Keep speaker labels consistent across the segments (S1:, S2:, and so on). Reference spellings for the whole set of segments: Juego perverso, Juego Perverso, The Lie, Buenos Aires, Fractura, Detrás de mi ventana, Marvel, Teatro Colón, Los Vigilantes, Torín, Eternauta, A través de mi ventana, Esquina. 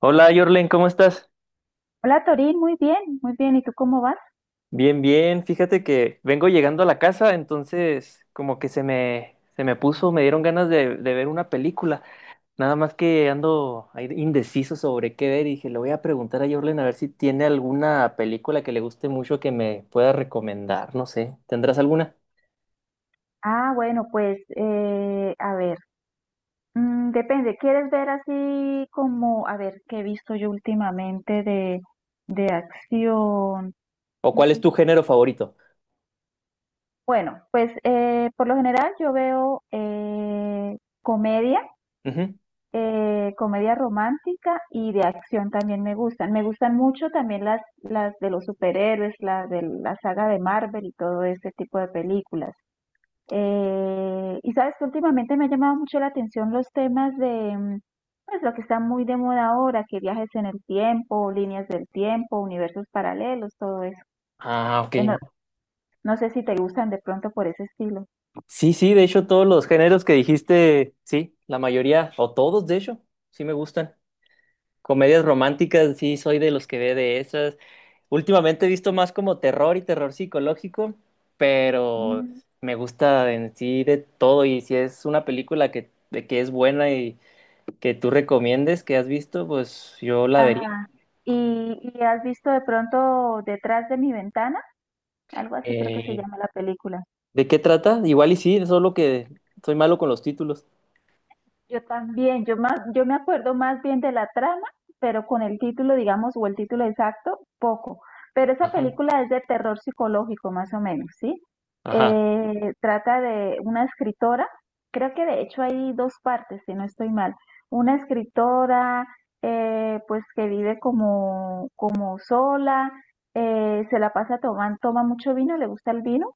S1: Hola, Yorlen, ¿cómo estás?
S2: Hola Torín, muy bien, muy bien. ¿Y tú cómo vas?
S1: Bien, bien. Fíjate que vengo llegando a la casa, entonces como que se me puso, me dieron ganas de ver una película. Nada más que ando ahí indeciso sobre qué ver y dije, le voy a preguntar a Yorlen a ver si tiene alguna película que le guste mucho que me pueda recomendar. No sé, ¿tendrás alguna?
S2: Ah, bueno, pues a ver, depende. ¿Quieres ver así como, a ver, qué he visto yo últimamente de acción?
S1: ¿O
S2: Mm,
S1: cuál es tu género favorito?
S2: Bueno, pues por lo general yo veo comedia.
S1: Ujú.
S2: Comedia romántica y de acción también me gustan. Me gustan mucho también las de los superhéroes, las de la saga de Marvel y todo ese tipo de películas. Y sabes que últimamente me ha llamado mucho la atención los temas de, pues lo que está muy de moda ahora, que viajes en el tiempo, líneas del tiempo, universos paralelos, todo eso.
S1: Ah, ok,
S2: No,
S1: no.
S2: no sé si te gustan de pronto por ese estilo.
S1: Sí, sí, de hecho todos los géneros que dijiste, sí, la mayoría, o todos de hecho, sí me gustan. Comedias románticas, sí, soy de los que ve de esas. Últimamente he visto más como terror y terror psicológico, pero
S2: Mm.
S1: me gusta en sí de todo y si es una película que, de que es buena y que tú recomiendes, que has visto, pues yo la vería.
S2: Ajá. ¿Y has visto de pronto detrás de mi ventana? Algo así creo que se
S1: Eh,
S2: llama la película.
S1: ¿De qué trata? Igual y sí, solo que soy malo con los títulos.
S2: Yo también, yo más, yo me acuerdo más bien de la trama, pero con el título, digamos, o el título exacto, poco. Pero esa
S1: Ajá.
S2: película es de terror psicológico, más o menos, ¿sí?
S1: Ajá,
S2: Trata de una escritora, creo que de hecho hay dos partes, si no estoy mal. Una escritora, pues que vive como, como sola, se la pasa tomando, toma mucho vino, le gusta el vino,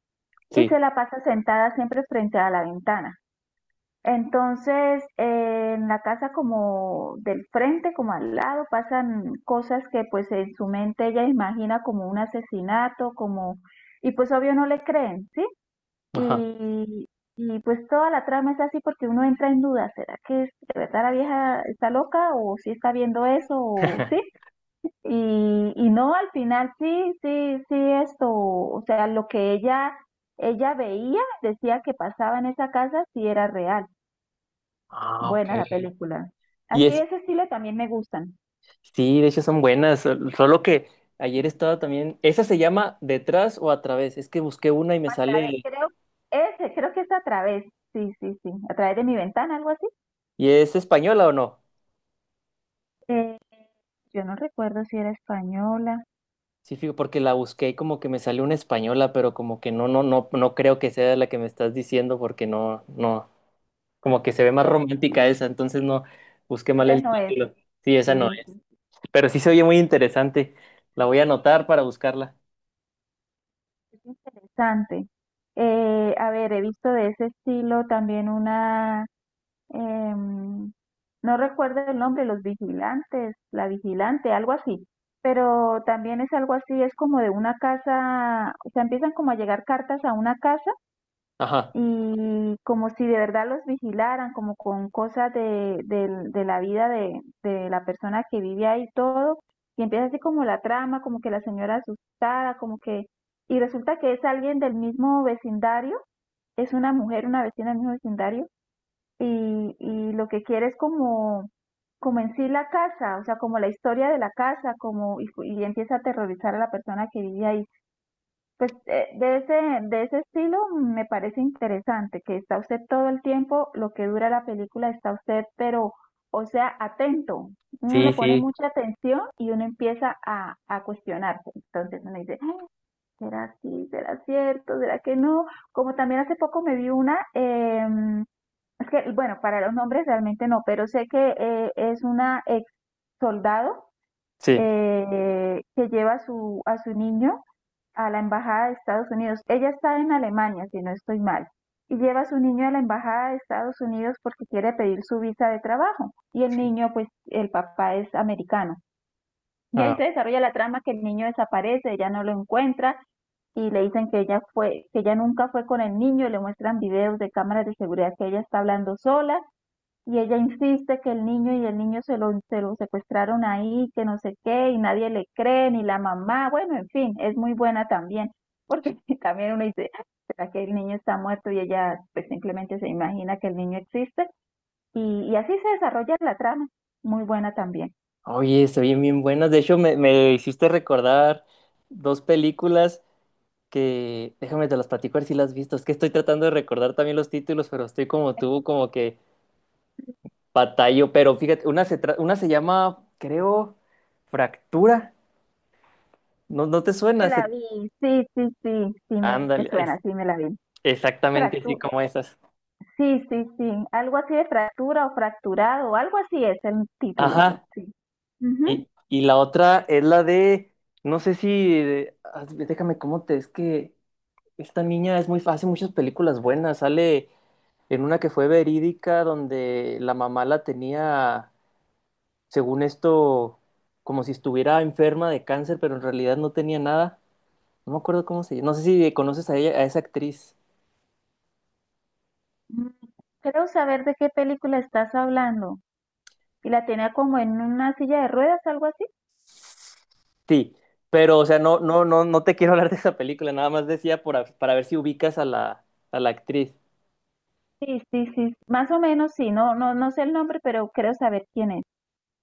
S2: y
S1: sí.
S2: se la pasa sentada siempre frente a la ventana. Entonces, en la casa como del frente, como al lado, pasan cosas que pues en su mente ella imagina como un asesinato, como, y pues obvio no le creen, ¿sí?
S1: Ajá.
S2: Y, y pues toda la trama es así porque uno entra en duda, ¿será que es, de verdad la vieja está loca o sí está viendo eso o sí? Y no, al final sí, sí, sí, esto, o sea, lo que ella veía, decía que pasaba en esa casa, sí era real.
S1: Ah, ok.
S2: Buena la película.
S1: ¿Y
S2: Así de
S1: es,
S2: ese estilo también me gustan.
S1: sí, de hecho son buenas, solo que ayer estaba también, esa se llama Detrás o a través, es que busqué una y me
S2: A través,
S1: sale,
S2: creo, ese, creo que es a través, sí, sí, sí, a través de mi ventana, algo así.
S1: ¿y es española o no?
S2: Eh, yo no recuerdo si era española.
S1: Sí, fijo, porque la busqué y como que me salió una española, pero como que no creo que sea la que me estás diciendo porque no, no, como que se ve más
S2: No,
S1: romántica esa, entonces no, busqué mal
S2: antes
S1: el
S2: no es,
S1: título. Sí,
S2: sí,
S1: esa no
S2: sí,
S1: es,
S2: sí,
S1: pero sí se oye muy interesante, la voy a anotar para buscarla.
S2: es interesante. A ver, he visto de ese estilo también una, em, no recuerdo el nombre, Los Vigilantes, La Vigilante, algo así. Pero también es algo así, es como de una casa, o sea, empiezan como a llegar cartas a una casa
S1: Ajá,
S2: y como si de verdad los vigilaran, como con cosas de, del- de la vida de la persona que vive ahí y todo, y empieza así como la trama, como que la señora asustada, como que, y resulta que es alguien del mismo vecindario, es una mujer, una vecina del mismo vecindario, y lo que quiere es como, como en sí la casa, o sea, como la historia de la casa, como, y empieza a aterrorizar a la persona que vive ahí. Pues de ese estilo me parece interesante, que está usted todo el tiempo, lo que dura la película está usted, pero, o sea, atento. Uno
S1: sí,
S2: le pone
S1: sí,
S2: mucha atención y uno empieza a cuestionarse. Entonces uno dice, "Ah, ¿será así? ¿Será cierto? ¿Será que no?" Como también hace poco me vi una, es que, bueno, para los nombres realmente no, pero sé que es una ex soldado
S1: sí.
S2: que lleva a su niño a la embajada de Estados Unidos. Ella está en Alemania, si no estoy mal, y lleva a su niño a la embajada de Estados Unidos porque quiere pedir su visa de trabajo. Y el niño, pues el papá es americano. Y ahí se
S1: Ah.
S2: desarrolla la trama que el niño desaparece, ella no lo encuentra y le dicen que ella fue, que ella nunca fue con el niño, le muestran videos de cámaras de seguridad que ella está hablando sola y ella insiste que el niño y el niño se lo secuestraron ahí, que no sé qué, y nadie le cree, ni la mamá, bueno, en fin, es muy buena también, porque también uno dice, "Ay, ¿será que el niño está muerto?" Y ella pues simplemente se imagina que el niño existe, y así se desarrolla la trama, muy buena también.
S1: Oye, se oyen bien buenas. De hecho, me hiciste recordar dos películas que, déjame te las platico a ver si las has visto. Es que estoy tratando de recordar también los títulos, pero estoy como tú, como que batallo. Pero fíjate, una se llama, creo, Fractura. ¿No, no te
S2: Me
S1: suena?
S2: la vi, sí, sí, sí, sí me
S1: Ándale,
S2: suena, sí me la vi.
S1: exactamente así
S2: Fractu
S1: como esas.
S2: sí, sí, sí, algo así de fractura o fracturado, algo así es el título,
S1: Ajá.
S2: sí. Ujú.
S1: Y la otra es la de, no sé si, déjame cómo te, es que esta niña es muy, hace muchas películas buenas. Sale en una que fue verídica, donde la mamá la tenía, según esto, como si estuviera enferma de cáncer, pero en realidad no tenía nada. No me acuerdo cómo se llama. No sé si conoces a ella, a esa actriz.
S2: Mm. Creo saber de qué película estás hablando. Y la tenía como en una silla de ruedas, algo así.
S1: Sí, pero, o sea, no te quiero hablar de esa película, nada más decía por para ver si ubicas a la actriz.
S2: Sí, sí, sí. Más o menos, sí. No, no, no sé el nombre, pero creo saber quién es.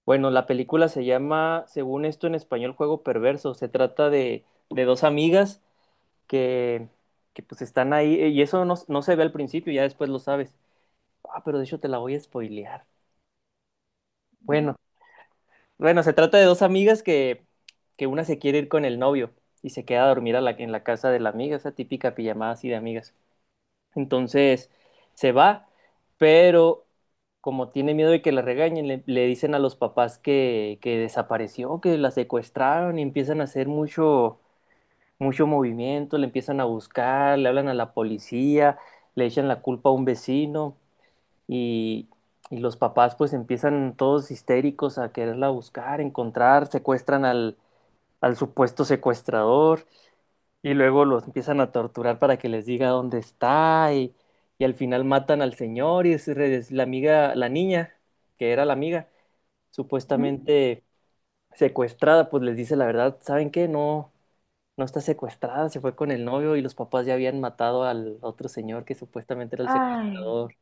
S1: Bueno, la película se llama, según esto en español, Juego Perverso. Se trata de dos amigas que, que pues están ahí, y eso no, no se ve al principio, ya después lo sabes. Ah, pero de hecho te la voy a spoilear.
S2: Ujú,
S1: Bueno, bueno, se trata de dos amigas que una se quiere ir con el novio y se queda a dormir en la casa de la amiga, esa típica pijamada así de amigas. Entonces se va, pero como tiene miedo de que la regañen, le dicen a los papás que desapareció, que la secuestraron y empiezan a hacer mucho, mucho movimiento, le empiezan a buscar, le hablan a la policía, le echan la culpa a un vecino. Y, y los papás pues empiezan todos histéricos a quererla buscar, encontrar, secuestran al supuesto secuestrador y luego los empiezan a torturar para que les diga dónde está y al final matan al señor y es la amiga, la niña, que era la amiga,
S2: ujú.
S1: supuestamente secuestrada, pues les dice la verdad, ¿saben qué? No, no está secuestrada, se fue con el novio y los papás ya habían matado al otro señor que supuestamente era el
S2: Ay.
S1: secuestrador.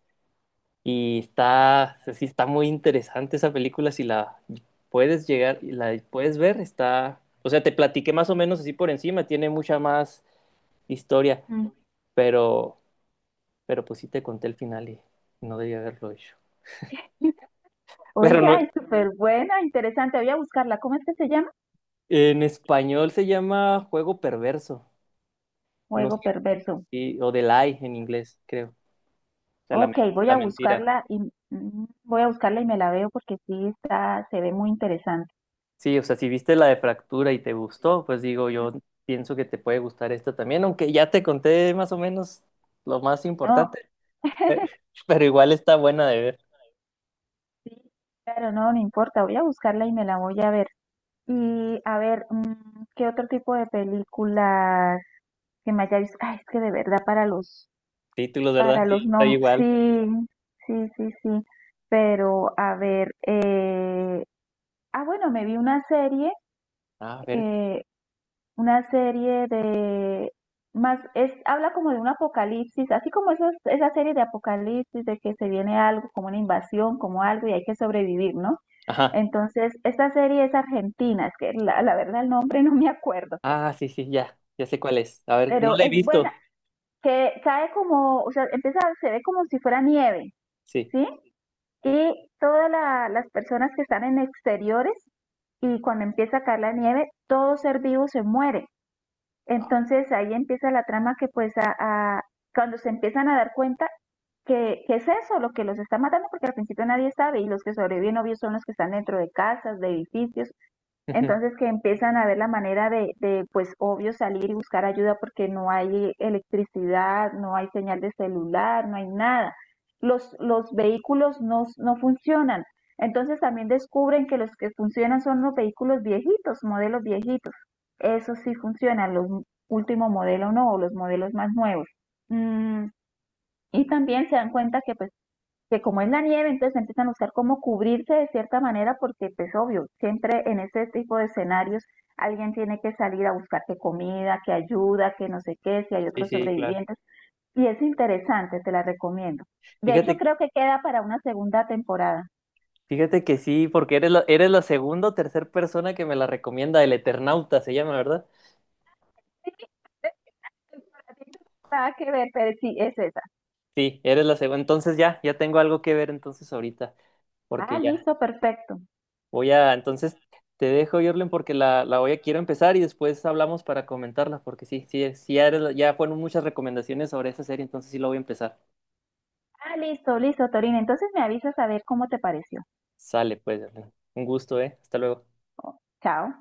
S1: Y está, sí, está muy interesante esa película, si la puedes llegar, la puedes ver, está, o sea, te platiqué más o menos así por encima, tiene mucha más historia,
S2: Mm.
S1: pero, pero pues sí te conté el final y no debía haberlo hecho. Pero no,
S2: Oiga, es súper buena, interesante. Voy a buscarla. ¿Cómo es que se llama?
S1: en español se llama Juego Perverso, no
S2: Juego
S1: sé,
S2: perverso.
S1: sí, o The Lie en inglés, creo, o sea, la,
S2: Ok, voy
S1: la
S2: a
S1: mentira.
S2: buscarla y voy a buscarla y me la veo porque sí está, se ve muy interesante.
S1: Sí, o sea, si viste la de Fractura y te gustó, pues digo,
S2: Ujú.
S1: yo pienso que te puede gustar esta también, aunque ya te conté más o menos lo más
S2: No,
S1: importante, pero igual está buena de ver.
S2: sí, claro, no, no importa. Voy a buscarla y me la voy a ver. Y a ver, ¿qué otro tipo de películas que me haya visto? Ay, es que de verdad
S1: Títulos, ¿verdad?
S2: para
S1: Sí,
S2: los
S1: está
S2: nombres,
S1: igual.
S2: sí, sí, sí, sí. Pero a ver, ah, bueno, me vi
S1: A ver,
S2: eh, una serie de más, es, habla como de un apocalipsis, así como esas, esa serie de apocalipsis, de que se viene algo, como una invasión, como algo, y hay que sobrevivir, ¿no?
S1: ajá.
S2: Entonces, esta serie es argentina, es que la verdad el nombre no me acuerdo
S1: Ah, sí, sí, ya, ya sé cuál es. A ver, no
S2: pero
S1: la he
S2: es buena,
S1: visto.
S2: que cae como, o sea, empieza, se ve como si fuera nieve,
S1: Sí.
S2: ¿sí? Y todas la- las personas que están en exteriores y cuando empieza a caer la nieve, todo ser vivo se muere. Entonces ahí empieza la trama que pues a- cuando se empiezan a dar cuenta que es eso lo que los está matando, porque al principio nadie sabe y los que sobreviven obvio son los que están dentro de casas, de edificios
S1: Ujú.
S2: entonces que empiezan a ver la manera de, pues obvio salir y buscar ayuda porque no hay electricidad, no hay señal de celular, no hay nada. Los vehículos no, no funcionan. Entonces también descubren que los que funcionan son los vehículos viejitos, modelos viejitos. Eso sí funcionan, los último modelo no, o los modelos más nuevos. Mm, y también se dan cuenta que pues que como es la nieve, entonces empiezan a buscar cómo cubrirse de cierta manera, porque pues obvio, siempre en este tipo de escenarios alguien tiene que salir a buscar que comida, que ayuda, que no sé qué, si hay
S1: Sí,
S2: otros
S1: sí, claro.
S2: sobrevivientes, y es interesante, te la recomiendo. De hecho,
S1: Fíjate,
S2: creo que queda para una segunda temporada.
S1: fíjate que sí, porque eres la segunda o tercera persona que me la recomienda, el Eternauta se llama, ¿verdad?
S2: Sí, nada que ver, pero sí, es esa.
S1: Sí, eres la segunda. Entonces ya, ya tengo algo que ver entonces ahorita,
S2: Ah,
S1: porque ya.
S2: listo, perfecto.
S1: Voy a, entonces te dejo, Jorlen, porque la voy a, quiero empezar y después hablamos para comentarla, porque sí, sí, sí, ya, ya fueron muchas recomendaciones sobre esa serie, entonces sí la voy a empezar.
S2: Ah, listo, listo, Torina. Entonces me avisas a ver cómo te pareció.
S1: Sale, pues, Jorlen. Un gusto, ¿eh? Hasta luego.
S2: Oh, chao.